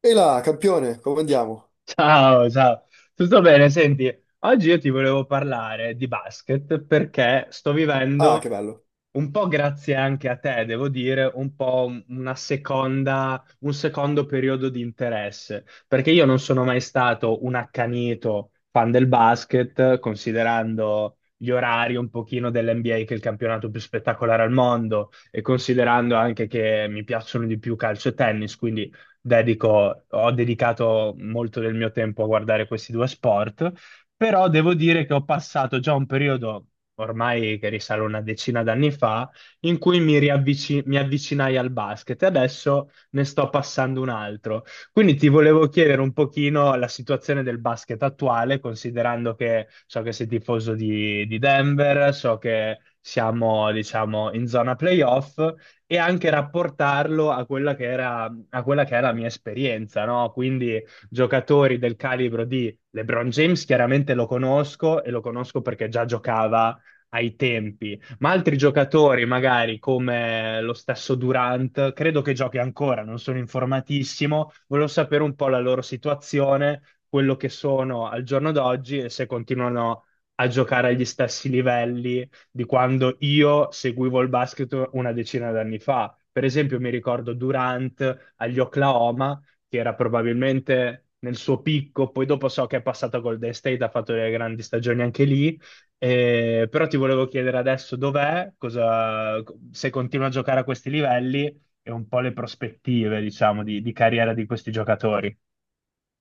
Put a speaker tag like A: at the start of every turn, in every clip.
A: E là, campione, come andiamo?
B: Ciao, ciao, tutto bene? Senti, oggi io ti volevo parlare di basket perché sto
A: Ah, che
B: vivendo,
A: bello.
B: un po' grazie anche a te, devo dire, un po' una seconda, un secondo periodo di interesse, perché io non sono mai stato un accanito fan del basket, considerando gli orari un pochino dell'NBA, che è il campionato più spettacolare al mondo, e considerando anche che mi piacciono di più calcio e tennis, quindi ho dedicato molto del mio tempo a guardare questi due sport, però devo dire che ho passato già un periodo, ormai che risale una decina d'anni fa, in cui mi avvicinai al basket e adesso ne sto passando un altro. Quindi ti volevo chiedere un pochino la situazione del basket attuale, considerando che so che sei tifoso di Denver, so che siamo, diciamo, in zona playoff e anche rapportarlo a quella che era a quella che è la mia esperienza, no? Quindi giocatori del calibro di LeBron James, chiaramente lo conosco e lo conosco perché già giocava ai tempi, ma altri giocatori, magari come lo stesso Durant, credo che giochi ancora, non sono informatissimo, volevo sapere un po' la loro situazione, quello che sono al giorno d'oggi e se continuano a giocare agli stessi livelli di quando io seguivo il basket una decina d'anni fa. Per esempio, mi ricordo Durant agli Oklahoma, che era probabilmente nel suo picco, poi dopo so che è passato a Golden State, ha fatto delle grandi stagioni anche lì. Però ti volevo chiedere adesso dov'è, se continua a giocare a questi livelli e un po' le prospettive, diciamo, di carriera di questi giocatori.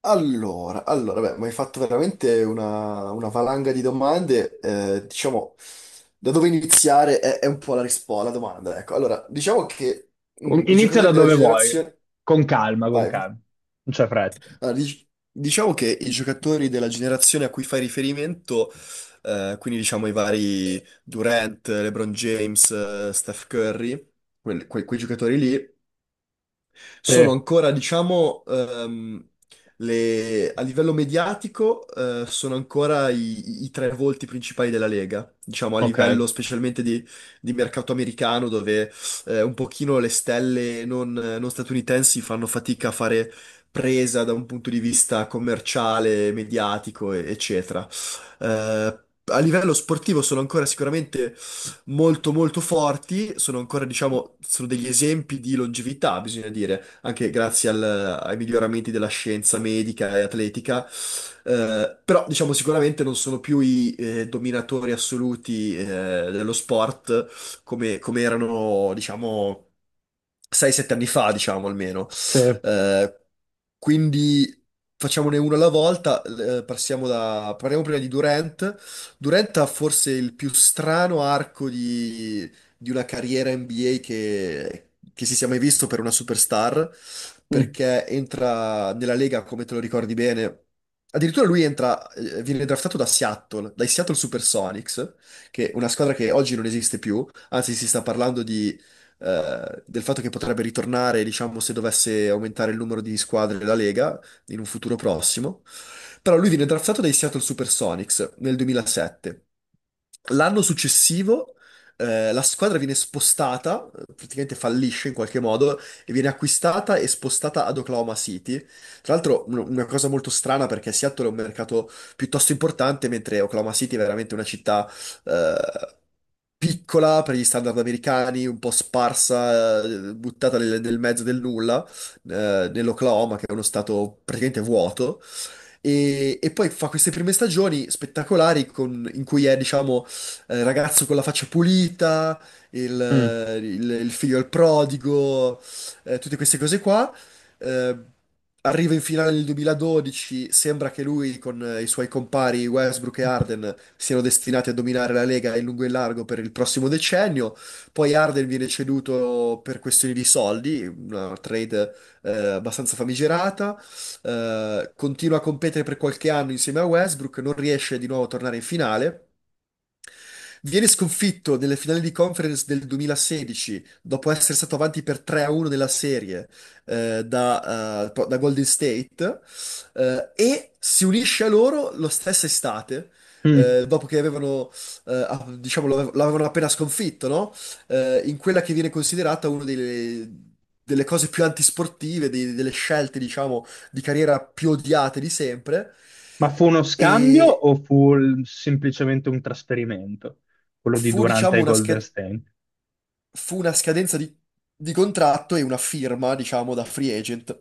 A: Allora, beh, mi hai fatto veramente una valanga di domande. Diciamo, da dove iniziare è un po' la risposta, la domanda, ecco. Allora, diciamo che i
B: Inizia da
A: giocatori della
B: dove vuoi,
A: generazione.
B: con
A: Vai.
B: calma, non c'è fretta.
A: Allora, diciamo che i giocatori della generazione a cui fai riferimento, quindi diciamo i vari Durant, LeBron James, Steph Curry, quei giocatori lì,
B: Sì,
A: sono ancora, diciamo, a livello mediatico, sono ancora i tre volti principali della Lega, diciamo, a
B: ok,
A: livello specialmente di mercato americano, dove un pochino le stelle non statunitensi fanno fatica a fare presa da un punto di vista commerciale, mediatico, eccetera. Eh, a livello sportivo sono ancora sicuramente molto molto forti, sono ancora, diciamo, sono degli esempi di longevità, bisogna dire anche grazie ai miglioramenti della scienza medica e atletica. Però, diciamo, sicuramente non sono più i dominatori assoluti dello sport come erano, diciamo, 6-7 anni fa, diciamo almeno.
B: sì.
A: Eh, quindi facciamone uno alla volta. Parliamo prima di Durant. Durant ha forse il più strano arco di una carriera NBA che si sia mai visto per una superstar,
B: Mm.
A: perché entra nella Lega, come te lo ricordi bene. Addirittura lui entra, viene draftato da Seattle, dai Seattle Supersonics, che è una squadra che oggi non esiste più, anzi si sta parlando del fatto che potrebbe ritornare, diciamo, se dovesse aumentare il numero di squadre della Lega in un futuro prossimo. Però lui viene draftato dai Seattle Supersonics nel 2007. L'anno successivo la squadra viene spostata, praticamente fallisce in qualche modo, e viene acquistata e spostata ad Oklahoma City. Tra l'altro, una cosa molto strana perché Seattle è un mercato piuttosto importante, mentre Oklahoma City è veramente una città eh, piccola per gli standard americani, un po' sparsa, buttata nel mezzo del nulla, nell'Oklahoma, che è uno stato praticamente vuoto. E poi fa queste prime stagioni spettacolari in cui è, diciamo, ragazzo con la faccia pulita, il,
B: Mm,
A: il figlio del prodigo, tutte queste cose qua. Eh, arriva in finale nel 2012, sembra che lui con i suoi compari Westbrook e Harden siano destinati a dominare la Lega in lungo e in largo per il prossimo decennio. Poi Harden viene ceduto per questioni di soldi, una trade abbastanza famigerata. Continua a competere per qualche anno insieme a Westbrook, non riesce di nuovo a tornare in finale. Viene sconfitto nelle finali di conference del 2016, dopo essere stato avanti per 3-1 nella serie da Golden State, e si unisce a loro lo stesso estate,
B: mm.
A: dopo che avevano, diciamo, l'avevano appena sconfitto, no? In quella che viene considerata una delle cose più antisportive, delle scelte, diciamo, di carriera più odiate di sempre.
B: Ma fu uno scambio
A: E
B: o fu semplicemente un trasferimento? Quello di
A: fu,
B: Durant
A: diciamo,
B: ai
A: una
B: Golden
A: scheda.
B: State?
A: Fu una scadenza di contratto e una firma, diciamo, da free agent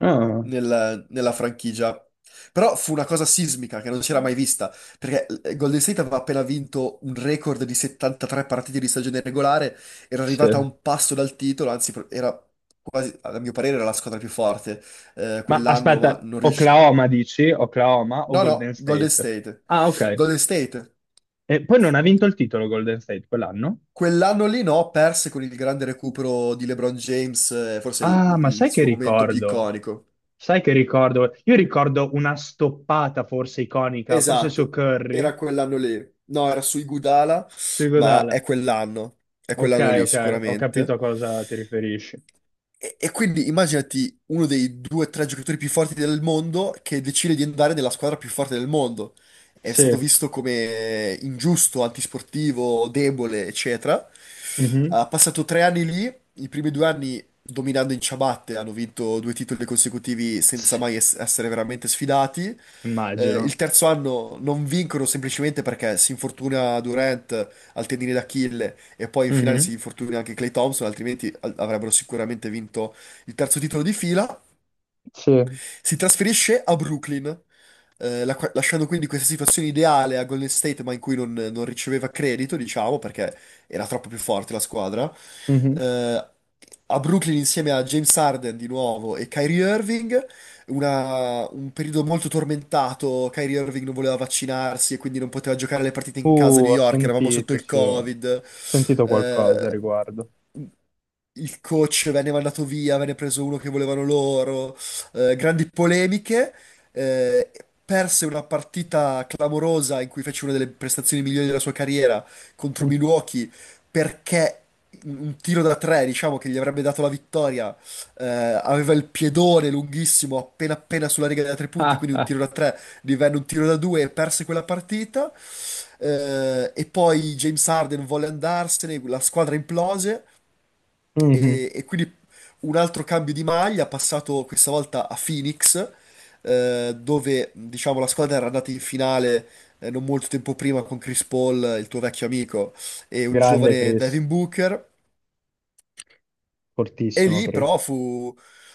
B: Ah,
A: nella franchigia. Però fu una cosa sismica che non si era mai vista, perché Golden State aveva appena vinto un record di 73 partite di stagione regolare, era
B: sì.
A: arrivata a un passo dal titolo, anzi era quasi, a mio parere, era la squadra più forte
B: Ma
A: quell'anno, ma
B: aspetta,
A: non riuscì.
B: Oklahoma dici? Oklahoma o
A: No, no,
B: Golden
A: Golden
B: State?
A: State.
B: Ah, ok.
A: Golden State.
B: E poi non ha vinto il titolo Golden State quell'anno?
A: Quell'anno lì no, perse con il grande recupero di LeBron James, forse
B: Ah,
A: il,
B: ma sai
A: il
B: che
A: suo momento più
B: ricordo?
A: iconico.
B: Sai che ricordo? Io ricordo una stoppata forse iconica, forse su
A: Esatto, era
B: Curry,
A: quell'anno lì. No, era sui Gudala,
B: su
A: ma
B: Iguodala.
A: è
B: Ok,
A: quell'anno lì
B: ok, ho capito
A: sicuramente.
B: a cosa ti riferisci.
A: E quindi immaginati uno dei due o tre giocatori più forti del mondo che decide di andare nella squadra più forte del mondo. È stato
B: Sì.
A: visto come ingiusto, antisportivo, debole, eccetera.
B: Mhm.
A: Ha passato 3 anni lì, i primi 2 anni dominando in ciabatte, hanno vinto due titoli consecutivi senza mai essere veramente sfidati. Eh,
B: Immagino.
A: il terzo anno non vincono semplicemente perché si infortuna Durant al tendine d'Achille e poi in finale
B: Mhm.
A: si infortuna anche Clay Thompson, altrimenti avrebbero sicuramente vinto il terzo titolo di fila.
B: Sì,
A: Si trasferisce a Brooklyn, lasciando quindi questa situazione ideale a Golden State, ma in cui non riceveva credito, diciamo, perché era troppo più forte la squadra.
B: mhm.
A: Eh, a Brooklyn insieme a James Harden di nuovo e Kyrie Irving, un periodo molto tormentato. Kyrie Irving non voleva vaccinarsi e quindi non poteva giocare le partite in casa a New
B: Ho
A: York, eravamo sotto
B: sentito,
A: il
B: sì. Ho
A: Covid.
B: sentito qualcosa a
A: Eh,
B: riguardo.
A: il coach venne mandato via, venne preso uno che volevano loro, grandi polemiche, eh, Perse una partita clamorosa in cui fece una delle prestazioni migliori della sua carriera contro Milwaukee perché un tiro da tre, diciamo, che gli avrebbe dato la vittoria, aveva il piedone lunghissimo appena appena sulla riga da tre punti,
B: Ah,
A: quindi un
B: ah.
A: tiro da tre divenne un tiro da due e perse quella partita. E poi James Harden volle andarsene, la squadra implose.
B: Mhm.
A: E quindi un altro cambio di maglia, passato questa volta a Phoenix, dove diciamo la squadra era andata in finale non molto tempo prima con Chris Paul, il tuo vecchio amico, e un
B: Grande
A: giovane
B: Chris,
A: Devin Booker. E
B: fortissimo
A: lì
B: Chris.
A: però fu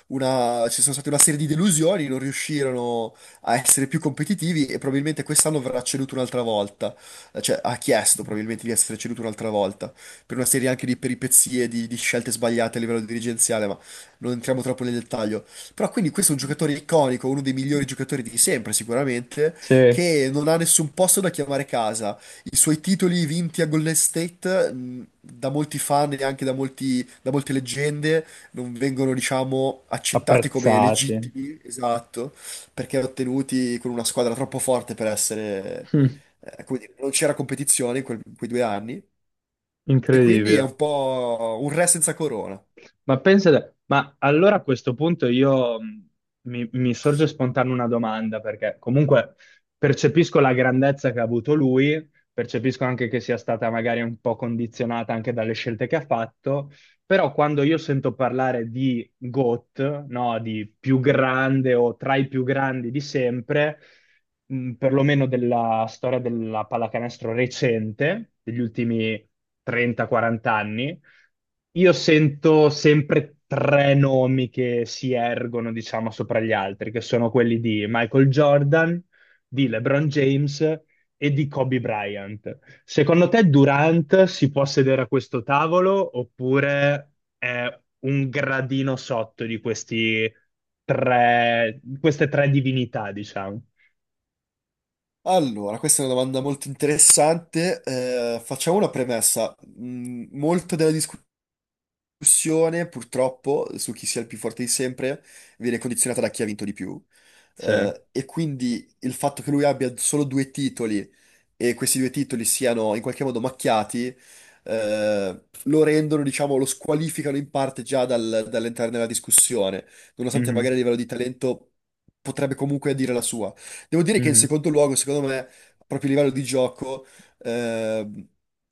A: una, ci sono state una serie di delusioni, non riuscirono a essere più competitivi e probabilmente quest'anno verrà ceduto un'altra volta. Cioè ha chiesto probabilmente di essere ceduto un'altra volta, per una serie anche di peripezie, di, scelte sbagliate a livello dirigenziale, ma non entriamo troppo nel dettaglio. Però quindi questo è un giocatore iconico, uno dei migliori giocatori di sempre sicuramente,
B: Sì,
A: che non ha nessun posto da chiamare casa. I suoi titoli vinti a Golden State, da molti fan e anche da da molte leggende, non vengono, diciamo, accettati come
B: apprezzati.
A: legittimi, esatto, perché ottenuti con una squadra troppo forte per essere, come dire, non c'era competizione in in quei 2 anni, e quindi è
B: Incredibile.
A: un po' un re senza corona.
B: Ma pensate, ma allora a questo punto io mi sorge spontanea una domanda, perché comunque percepisco la grandezza che ha avuto lui, percepisco anche che sia stata magari un po' condizionata anche dalle scelte che ha fatto, però quando io sento parlare di GOAT, no, di più grande o tra i più grandi di sempre, perlomeno della storia della pallacanestro recente, degli ultimi 30-40 anni, io sento sempre tre nomi che si ergono, diciamo, sopra gli altri, che sono quelli di Michael Jordan, di LeBron James e di Kobe Bryant. Secondo te Durant si può sedere a questo tavolo oppure è un gradino sotto di questi tre, queste tre divinità, diciamo?
A: Allora, questa è una domanda molto interessante. Facciamo una premessa. Molto della discussione, purtroppo, su chi sia il più forte di sempre, viene condizionata da chi ha vinto di più.
B: Sì.
A: E quindi il fatto che lui abbia solo due titoli e questi due titoli siano in qualche modo macchiati, lo rendono, diciamo, lo squalificano in parte già dall'entrare nella discussione, nonostante
B: Mhm,
A: magari a livello di talento potrebbe comunque dire la sua. Devo dire che in
B: mhm.
A: secondo luogo, secondo me, proprio a livello di gioco, ehm,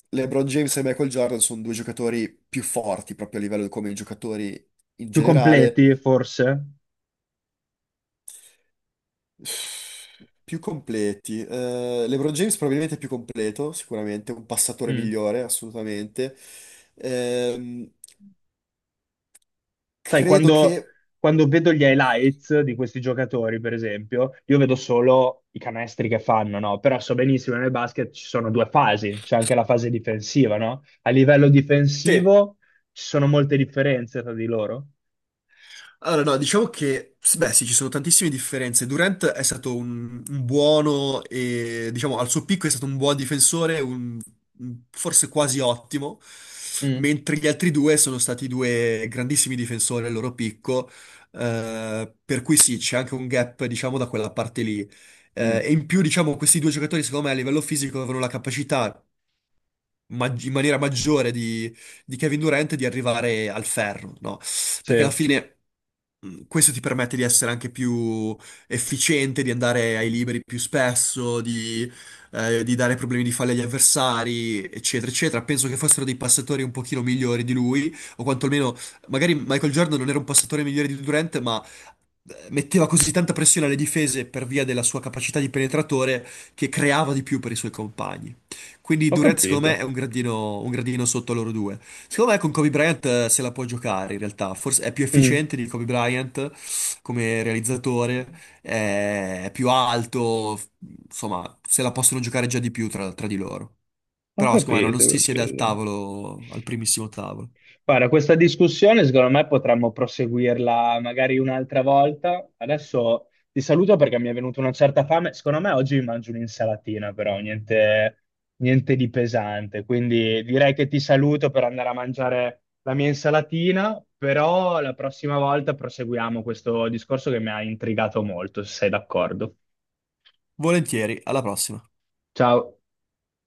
A: LeBron James e Michael Jordan sono due giocatori più forti proprio a livello come giocatori in
B: Più
A: generale.
B: completi, forse?
A: Più completi. LeBron James probabilmente è più completo, sicuramente, un passatore
B: Mm.
A: migliore, assolutamente. Ehm,
B: Sai,
A: Credo che.
B: quando vedo gli highlights di questi giocatori, per esempio, io vedo solo i canestri che fanno, no? Però so benissimo che nel basket ci sono due fasi, c'è anche la fase difensiva, no? A livello
A: Sì.
B: difensivo ci sono molte differenze tra di loro.
A: Allora, no, diciamo che, beh, sì, ci sono tantissime differenze. Durant è stato un buono e, diciamo, al suo picco è stato un buon difensore, forse quasi ottimo,
B: Mm,
A: mentre gli altri due sono stati due grandissimi difensori al loro picco, per cui sì, c'è anche un gap, diciamo, da quella parte lì. Eh,
B: mm,
A: e in più, diciamo, questi due giocatori, secondo me, a livello fisico avevano la capacità in maniera maggiore di, Kevin Durant di arrivare al ferro, no?
B: sì.
A: Perché alla fine questo ti permette di essere anche più efficiente, di andare ai liberi più spesso, di dare problemi di falli agli avversari, eccetera, eccetera. Penso che fossero dei passatori un pochino migliori di lui, o quantomeno, magari Michael Jordan non era un passatore migliore di Durant, ma metteva così tanta pressione alle difese per via della sua capacità di penetratore che creava di più per i suoi compagni. Quindi
B: Ho
A: Durant secondo me
B: capito.
A: è un gradino sotto loro due. Secondo me con Kobe Bryant se la può giocare in realtà, forse è più
B: Mm.
A: efficiente di Kobe Bryant come realizzatore, è più alto, insomma se la possono giocare già di più tra, di loro.
B: Ho
A: Però secondo me no, non
B: capito,
A: si
B: ho
A: siede al
B: capito.
A: tavolo, al primissimo tavolo.
B: Guarda, questa discussione secondo me potremmo proseguirla magari un'altra volta. Adesso ti saluto perché mi è venuta una certa fame. Secondo me oggi mi mangio un'insalatina, però niente, niente di pesante. Quindi direi che ti saluto per andare a mangiare la mia insalatina, però la prossima volta proseguiamo questo discorso che mi ha intrigato molto, se sei d'accordo.
A: Volentieri, alla prossima.
B: Ciao.